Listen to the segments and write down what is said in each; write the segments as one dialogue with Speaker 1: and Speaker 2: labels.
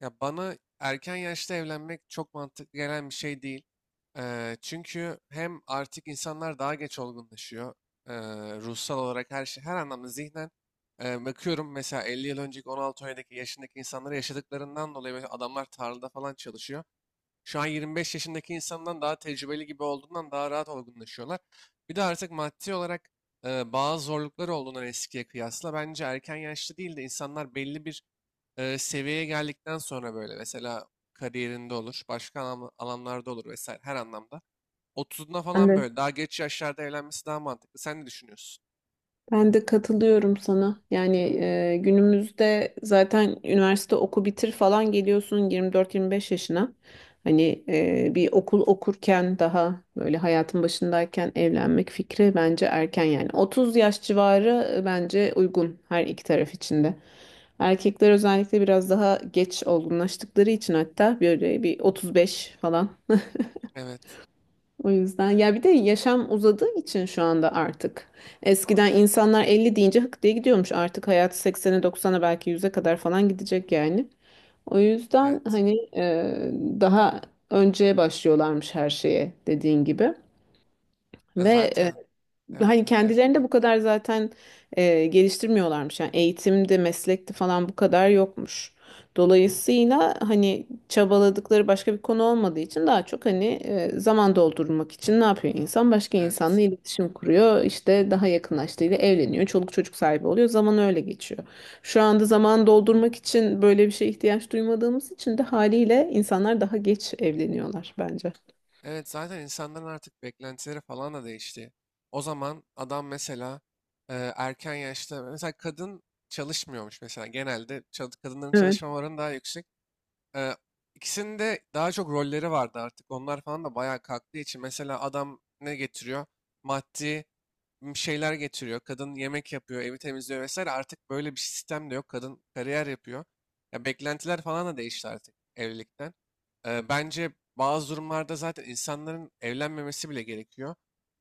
Speaker 1: Ya bana erken yaşta evlenmek çok mantıklı gelen bir şey değil. Çünkü hem artık insanlar daha geç olgunlaşıyor. Eee, ruhsal olarak her şey, her anlamda zihnen. Bakıyorum mesela 50 yıl önceki 16-17 yaşındaki insanları yaşadıklarından dolayı böyle adamlar tarlada falan çalışıyor. Şu an 25 yaşındaki insandan daha tecrübeli gibi olduğundan daha rahat olgunlaşıyorlar. Bir de artık maddi olarak bazı zorlukları olduğundan eskiye kıyasla bence erken yaşta değil de insanlar belli bir seviyeye geldikten sonra böyle mesela kariyerinde olur, başka alanlarda olur vesaire her anlamda. 30'una
Speaker 2: Ben
Speaker 1: falan
Speaker 2: de.
Speaker 1: böyle daha geç yaşlarda evlenmesi daha mantıklı. Sen ne düşünüyorsun?
Speaker 2: Ben de katılıyorum sana. Yani günümüzde zaten üniversite oku bitir falan geliyorsun 24-25 yaşına. Hani bir okul okurken daha böyle hayatın başındayken evlenmek fikri bence erken yani. 30 yaş civarı bence uygun her iki taraf için de. Erkekler özellikle biraz daha geç olgunlaştıkları için hatta böyle bir 35 falan.
Speaker 1: Evet,
Speaker 2: O yüzden ya bir de yaşam uzadığı için şu anda artık. Eskiden insanlar 50 deyince hık diye gidiyormuş. Artık hayat 80'e 90'a belki yüze kadar falan gidecek yani. O yüzden
Speaker 1: evet.
Speaker 2: hani daha önceye başlıyorlarmış her şeye dediğin gibi.
Speaker 1: E
Speaker 2: Ve e,
Speaker 1: zaten, evet,
Speaker 2: hani
Speaker 1: evet,
Speaker 2: kendilerini de bu kadar zaten geliştirmiyorlarmış. Yani eğitimde, meslekte falan bu kadar yokmuş. Dolayısıyla hani çabaladıkları başka bir konu olmadığı için daha çok hani zaman doldurmak için ne yapıyor insan? Başka insanla
Speaker 1: evet.
Speaker 2: iletişim kuruyor. İşte daha yakınlaştığıyla evleniyor. Çoluk çocuk sahibi oluyor. Zaman öyle geçiyor. Şu anda zaman doldurmak için böyle bir şeye ihtiyaç duymadığımız için de haliyle insanlar daha geç evleniyorlar bence.
Speaker 1: Evet, zaten insanların artık beklentileri falan da değişti. O zaman adam mesela erken yaşta, mesela kadın çalışmıyormuş mesela genelde. Kadınların
Speaker 2: Evet.
Speaker 1: çalışma oranı daha yüksek. Ee, ikisinin daha çok rolleri vardı artık. Onlar falan da bayağı kalktığı için mesela adam ne getiriyor? Maddi bir şeyler getiriyor. Kadın yemek yapıyor, evi temizliyor vesaire. Artık böyle bir sistem de yok. Kadın kariyer yapıyor. Ya, beklentiler falan da değişti artık evlilikten. Bence bazı durumlarda zaten insanların evlenmemesi bile gerekiyor.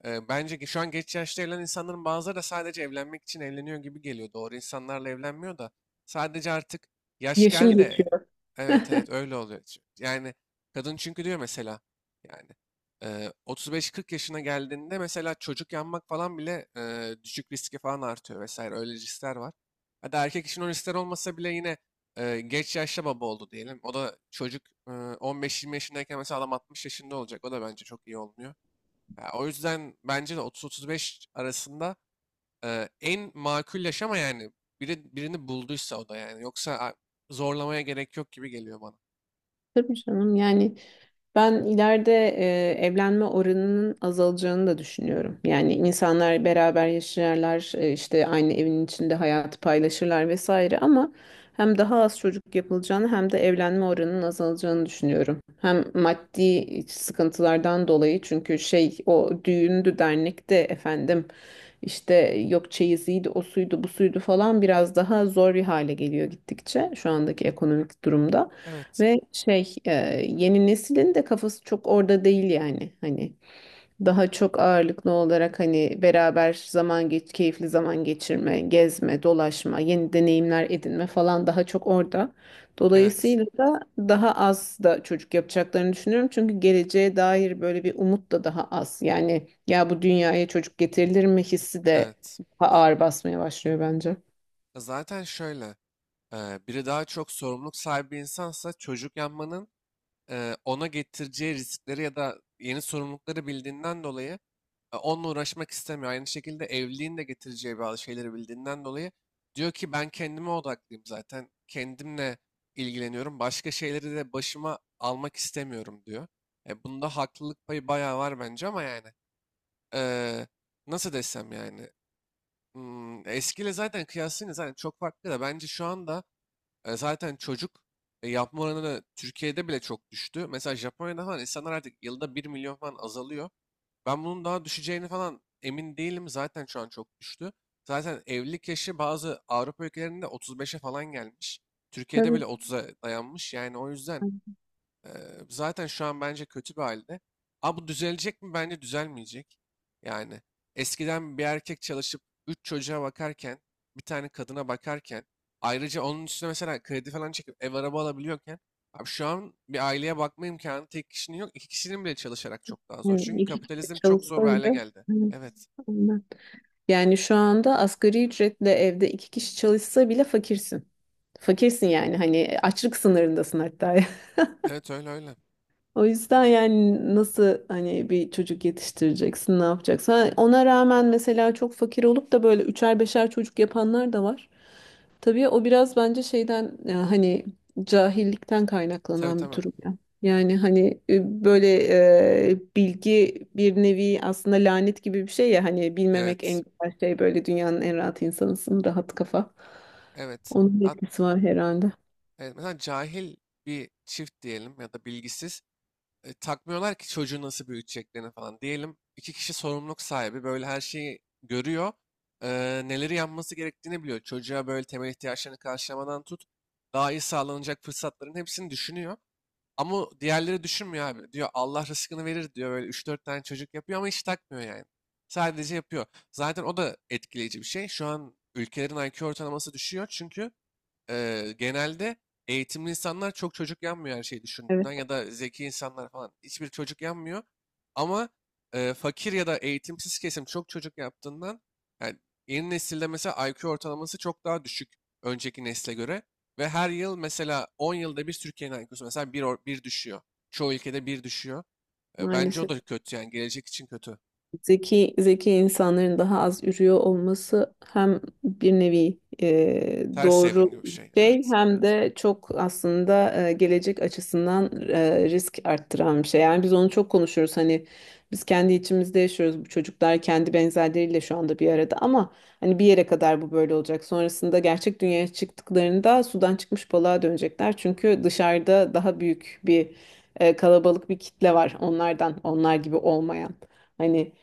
Speaker 1: Bence ki şu an geç yaşta evlenen insanların bazıları da sadece evlenmek için evleniyor gibi geliyor. Doğru insanlarla evlenmiyor da sadece artık yaş
Speaker 2: Yaşım
Speaker 1: geldi.
Speaker 2: geçiyor.
Speaker 1: Evet, evet, öyle oluyor. Yani kadın çünkü diyor mesela, yani. 35-40 yaşına geldiğinde mesela çocuk yanmak falan bile düşük riski falan artıyor vesaire, öyle riskler var. Hadi erkek için o riskler olmasa bile yine geç yaşta baba oldu diyelim. O da çocuk eee, 15-20 yaşındayken mesela adam 60 yaşında olacak. O da bence çok iyi olmuyor. Ya, o yüzden bence de 30-35 arasında en makul yaşama, yani birini bulduysa o da, yani. Yoksa zorlamaya gerek yok gibi geliyor bana.
Speaker 2: Tabii canım yani. Ben ileride evlenme oranının azalacağını da düşünüyorum. Yani insanlar beraber yaşarlar, işte aynı evin içinde hayatı paylaşırlar vesaire, ama hem daha az çocuk yapılacağını hem de evlenme oranının azalacağını düşünüyorum. Hem maddi sıkıntılardan dolayı çünkü şey o düğündü dernekte efendim işte yok çeyiziydi o suydu bu suydu falan biraz daha zor bir hale geliyor gittikçe şu andaki ekonomik durumda.
Speaker 1: Evet,
Speaker 2: Ve şey yeni neslin de kafası çok orada değil yani, hani daha çok ağırlıklı olarak hani beraber zaman geç keyifli zaman geçirme, gezme, dolaşma, yeni deneyimler edinme falan daha çok orada.
Speaker 1: evet,
Speaker 2: Dolayısıyla da daha az da çocuk yapacaklarını düşünüyorum. Çünkü geleceğe dair böyle bir umut da daha az. Yani ya bu dünyaya çocuk getirilir mi hissi de
Speaker 1: evet.
Speaker 2: daha ağır basmaya başlıyor bence.
Speaker 1: Zaten şöyle. Biri daha çok sorumluluk sahibi bir insansa çocuk yapmanın ona getireceği riskleri ya da yeni sorumlulukları bildiğinden dolayı onunla uğraşmak istemiyor. Aynı şekilde evliliğin de getireceği bazı şeyleri bildiğinden dolayı diyor ki ben kendime odaklıyım zaten. Kendimle ilgileniyorum. Başka şeyleri de başıma almak istemiyorum, diyor. Bunda haklılık payı bayağı var bence, ama yani eee, nasıl desem yani, eskiyle zaten kıyaslayınca zaten çok farklı da bence şu anda zaten çocuk yapma oranı da Türkiye'de bile çok düştü. Mesela Japonya'da falan insanlar artık yılda 1 milyon falan azalıyor. Ben bunun daha düşeceğini falan emin değilim. Zaten şu an çok düştü. Zaten evlilik yaşı bazı Avrupa ülkelerinde 35'e falan gelmiş. Türkiye'de
Speaker 2: Tabii.
Speaker 1: bile 30'a dayanmış. Yani o yüzden ee, zaten şu an bence kötü bir halde. Ama bu düzelecek mi? Bence düzelmeyecek. Yani eskiden bir erkek çalışıp 3 çocuğa bakarken, bir tane kadına bakarken, ayrıca onun üstüne mesela kredi falan çekip ev araba alabiliyorken, abi şu an bir aileye bakma imkanı tek kişinin yok. İki kişinin bile çalışarak çok daha zor. Çünkü
Speaker 2: Yani iki kişi
Speaker 1: kapitalizm çok zor
Speaker 2: çalışsa
Speaker 1: bir hale
Speaker 2: bile,
Speaker 1: geldi.
Speaker 2: evet,
Speaker 1: Evet.
Speaker 2: aynen. Yani şu anda asgari ücretle evde iki kişi çalışsa bile fakirsin. Fakirsin yani hani açlık sınırındasın hatta.
Speaker 1: Evet, öyle öyle.
Speaker 2: O yüzden yani nasıl hani bir çocuk yetiştireceksin, ne yapacaksın? Ha, ona rağmen mesela çok fakir olup da böyle üçer beşer çocuk yapanlar da var. Tabii o biraz bence şeyden ya hani cahillikten
Speaker 1: Tabii,
Speaker 2: kaynaklanan bir
Speaker 1: tabii.
Speaker 2: durum ya. Yani hani böyle bilgi bir nevi aslında lanet gibi bir şey ya hani bilmemek
Speaker 1: Evet.
Speaker 2: en güzel şey, böyle dünyanın en rahat insanısın, rahat kafa.
Speaker 1: Evet.
Speaker 2: Onun
Speaker 1: Hat-
Speaker 2: etkisi var herhalde.
Speaker 1: evet. Mesela cahil bir çift diyelim ya da bilgisiz. Takmıyorlar ki çocuğu nasıl büyüteceklerini falan. Diyelim iki kişi sorumluluk sahibi, böyle her şeyi görüyor. e, neleri yapması gerektiğini biliyor. Çocuğa böyle temel ihtiyaçlarını karşılamadan tut. Daha iyi sağlanacak fırsatların hepsini düşünüyor. Ama diğerleri düşünmüyor abi. Diyor Allah rızkını verir, diyor. Böyle üç dört tane çocuk yapıyor ama hiç takmıyor, yani. Sadece yapıyor. Zaten o da etkileyici bir şey. Şu an ülkelerin IQ ortalaması düşüyor çünkü genelde eğitimli insanlar çok çocuk yanmıyor, her şeyi
Speaker 2: Evet.
Speaker 1: düşündüğünden ya da zeki insanlar falan hiçbir çocuk yanmıyor. Ama fakir ya da eğitimsiz kesim çok çocuk yaptığından, yani yeni nesilde mesela IQ ortalaması çok daha düşük önceki nesle göre. Ve her yıl mesela 10 yılda bir Türkiye'nin IQ'su mesela bir düşüyor. Çoğu ülkede bir düşüyor. Bence o
Speaker 2: Maalesef.
Speaker 1: da kötü, yani gelecek için kötü.
Speaker 2: Zeki zeki insanların daha az ürüyor olması hem bir nevi
Speaker 1: Ters evrim
Speaker 2: doğru
Speaker 1: gibi bir şey.
Speaker 2: şey
Speaker 1: Evet.
Speaker 2: hem de çok aslında gelecek açısından risk arttıran bir şey. Yani biz onu çok konuşuyoruz. Hani biz kendi içimizde yaşıyoruz. Bu çocuklar kendi benzerleriyle şu anda bir arada ama hani bir yere kadar bu böyle olacak. Sonrasında gerçek dünyaya çıktıklarında sudan çıkmış balığa dönecekler. Çünkü dışarıda daha büyük bir kalabalık bir kitle var onlardan, onlar gibi olmayan. Hani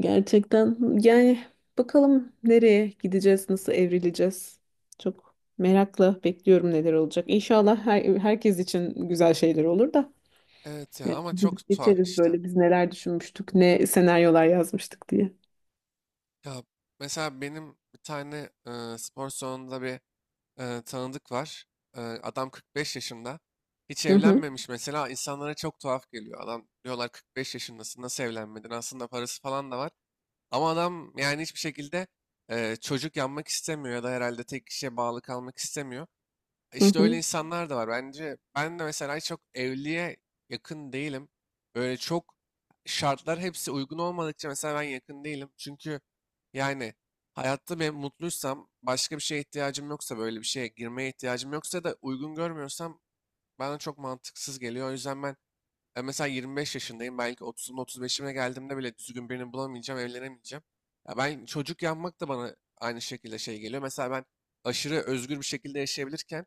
Speaker 2: gerçekten yani bakalım nereye gideceğiz, nasıl evrileceğiz. Çok merakla bekliyorum neler olacak. İnşallah her, herkes için güzel şeyler olur da.
Speaker 1: Evet ya,
Speaker 2: Yani
Speaker 1: ama
Speaker 2: biz
Speaker 1: çok tuhaf
Speaker 2: geçeriz
Speaker 1: işte.
Speaker 2: böyle biz neler düşünmüştük, ne senaryolar yazmıştık diye.
Speaker 1: Ya mesela benim bir tane spor salonunda bir tanıdık var. Adam 45 yaşında. Hiç
Speaker 2: Hı hı,
Speaker 1: evlenmemiş mesela. İnsanlara çok tuhaf geliyor. Adam, diyorlar, 45 yaşındasın nasıl evlenmedin? Aslında parası falan da var. Ama adam yani hiçbir şekilde çocuk yapmak istemiyor ya da herhalde tek kişiye bağlı kalmak istemiyor.
Speaker 2: hı
Speaker 1: İşte öyle insanlar da var. Bence ben de mesela çok evliliğe yakın değilim. Böyle çok şartlar hepsi uygun olmadıkça mesela ben yakın değilim. Çünkü yani hayatta ben mutluysam, başka bir şeye ihtiyacım yoksa, böyle bir şeye girmeye ihtiyacım yoksa da uygun görmüyorsam bana çok mantıksız geliyor. O yüzden ben mesela 25 yaşındayım. Belki 30'umu 35'ime geldiğimde bile düzgün birini bulamayacağım, evlenemeyeceğim. Ya ben çocuk yapmak da bana aynı şekilde şey geliyor. Mesela ben aşırı özgür bir şekilde yaşayabilirken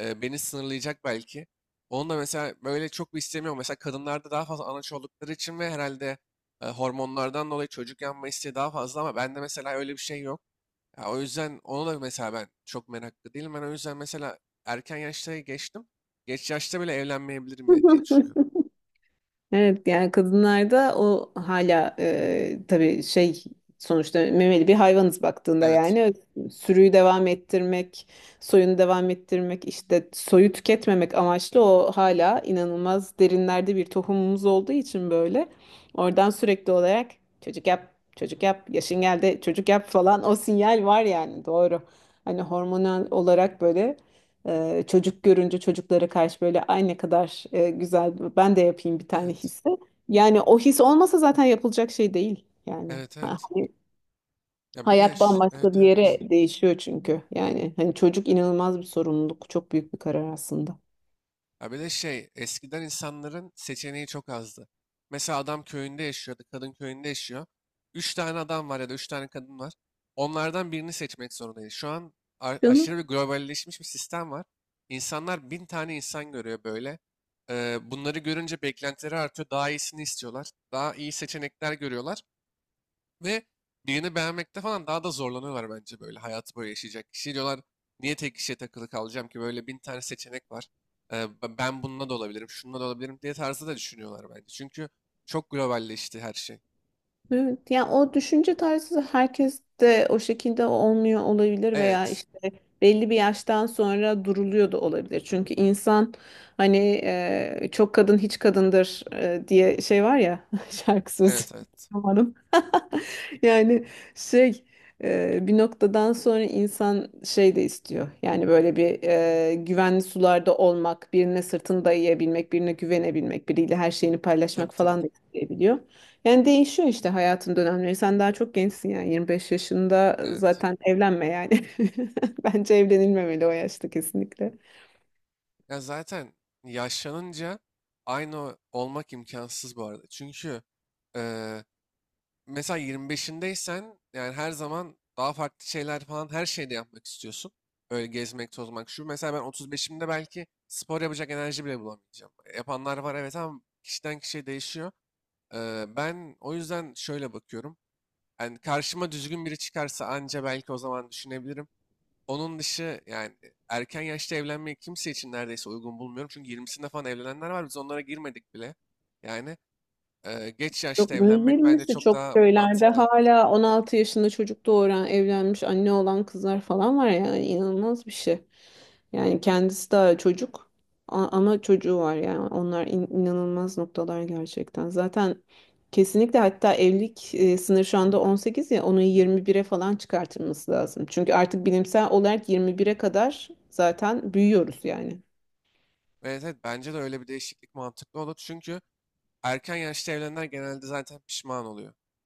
Speaker 1: beni sınırlayacak belki. Onu da mesela böyle çok bir istemiyorum. Mesela kadınlarda daha fazla anaç oldukları için ve herhalde hormonlardan dolayı çocuk yapma isteği daha fazla, ama bende mesela öyle bir şey yok. Ya, o yüzden onu da mesela ben çok meraklı değilim. Ben o yüzden mesela erken yaşta geçtim. Geç yaşta bile evlenmeyebilirim
Speaker 2: hı.
Speaker 1: ya diye düşünüyorum.
Speaker 2: Evet yani kadınlarda o hala tabii şey, sonuçta memeli bir hayvanız baktığında
Speaker 1: Evet.
Speaker 2: yani, sürüyü devam ettirmek, soyunu devam ettirmek işte soyu tüketmemek amaçlı o hala inanılmaz derinlerde bir tohumumuz olduğu için böyle oradan sürekli olarak çocuk yap, çocuk yap, yaşın geldi çocuk yap falan o sinyal var yani, doğru. Hani hormonal olarak böyle çocuk görünce çocuklara karşı böyle ay ne kadar güzel ben de yapayım bir tane
Speaker 1: Evet.
Speaker 2: hissi. Yani o his olmasa zaten yapılacak şey değil yani.
Speaker 1: Evet, evet.
Speaker 2: Hani
Speaker 1: Ya bir de
Speaker 2: hayat bambaşka
Speaker 1: evet,
Speaker 2: bir
Speaker 1: evet.
Speaker 2: yere değişiyor çünkü. Yani hani çocuk inanılmaz bir sorumluluk, çok büyük bir karar aslında.
Speaker 1: Ya bir de şey, eskiden insanların seçeneği çok azdı. Mesela adam köyünde yaşıyordu, kadın köyünde yaşıyor. Üç tane adam var ya da üç tane kadın var. Onlardan birini seçmek zorundayız. Şu an
Speaker 2: Canım.
Speaker 1: aşırı bir globalleşmiş bir sistem var. İnsanlar bin tane insan görüyor böyle. Bunları görünce beklentileri artıyor. Daha iyisini istiyorlar. Daha iyi seçenekler görüyorlar. Ve birini beğenmekte falan daha da zorlanıyorlar bence böyle. Hayatı böyle yaşayacak kişi diyorlar. Niye tek kişiye takılı kalacağım ki? Böyle bin tane seçenek var. Ben bununla da olabilirim, şununla da olabilirim diye tarzı da düşünüyorlar bence. Çünkü çok globalleşti her şey.
Speaker 2: Evet, yani o düşünce tarzı herkes de o şekilde olmuyor olabilir veya
Speaker 1: Evet,
Speaker 2: işte belli bir yaştan sonra duruluyor da olabilir. Çünkü insan hani çok kadın hiç kadındır diye şey var ya şarkı sözü
Speaker 1: evet, evet.
Speaker 2: umarım. Yani şey bir noktadan sonra insan şey de istiyor. Yani böyle bir güvenli sularda olmak, birine sırtını dayayabilmek, birine güvenebilmek, biriyle her şeyini
Speaker 1: Tabii,
Speaker 2: paylaşmak
Speaker 1: tabii.
Speaker 2: falan da isteyebiliyor. Yani değişiyor işte hayatın dönemleri. Sen daha çok gençsin yani 25 yaşında
Speaker 1: Evet.
Speaker 2: zaten evlenme yani. Bence evlenilmemeli o yaşta kesinlikle.
Speaker 1: Ya, zaten yaşlanınca aynı olmak imkansız bu arada. Çünkü eee, mesela 25'indeysen yani her zaman daha farklı şeyler falan her şeyde yapmak istiyorsun. Öyle gezmek, tozmak. Şu mesela ben 35'imde belki spor yapacak enerji bile bulamayacağım. Yapanlar var evet, ama kişiden kişiye değişiyor. Ben o yüzden şöyle bakıyorum. Yani karşıma düzgün biri çıkarsa anca belki o zaman düşünebilirim. Onun dışı yani, erken yaşta evlenmeyi kimse için neredeyse uygun bulmuyorum. Çünkü 20'sinde falan evlenenler var. Biz onlara girmedik bile. Yani geç
Speaker 2: Yok,
Speaker 1: yaşta
Speaker 2: böyle
Speaker 1: evlenmek bence
Speaker 2: 20'si
Speaker 1: çok
Speaker 2: çok
Speaker 1: daha
Speaker 2: köylerde
Speaker 1: mantıklı.
Speaker 2: hala 16 yaşında çocuk doğuran, evlenmiş anne olan kızlar falan var yani inanılmaz bir şey. Yani kendisi daha çocuk, ama çocuğu var yani onlar inanılmaz noktalar gerçekten. Zaten kesinlikle hatta evlilik sınırı şu anda 18 ya onu 21'e falan çıkartılması lazım. Çünkü artık bilimsel olarak 21'e kadar zaten büyüyoruz yani.
Speaker 1: Evet, evet, bence de öyle bir değişiklik mantıklı olur. Çünkü erken yaşta evlenenler genelde zaten pişman oluyor.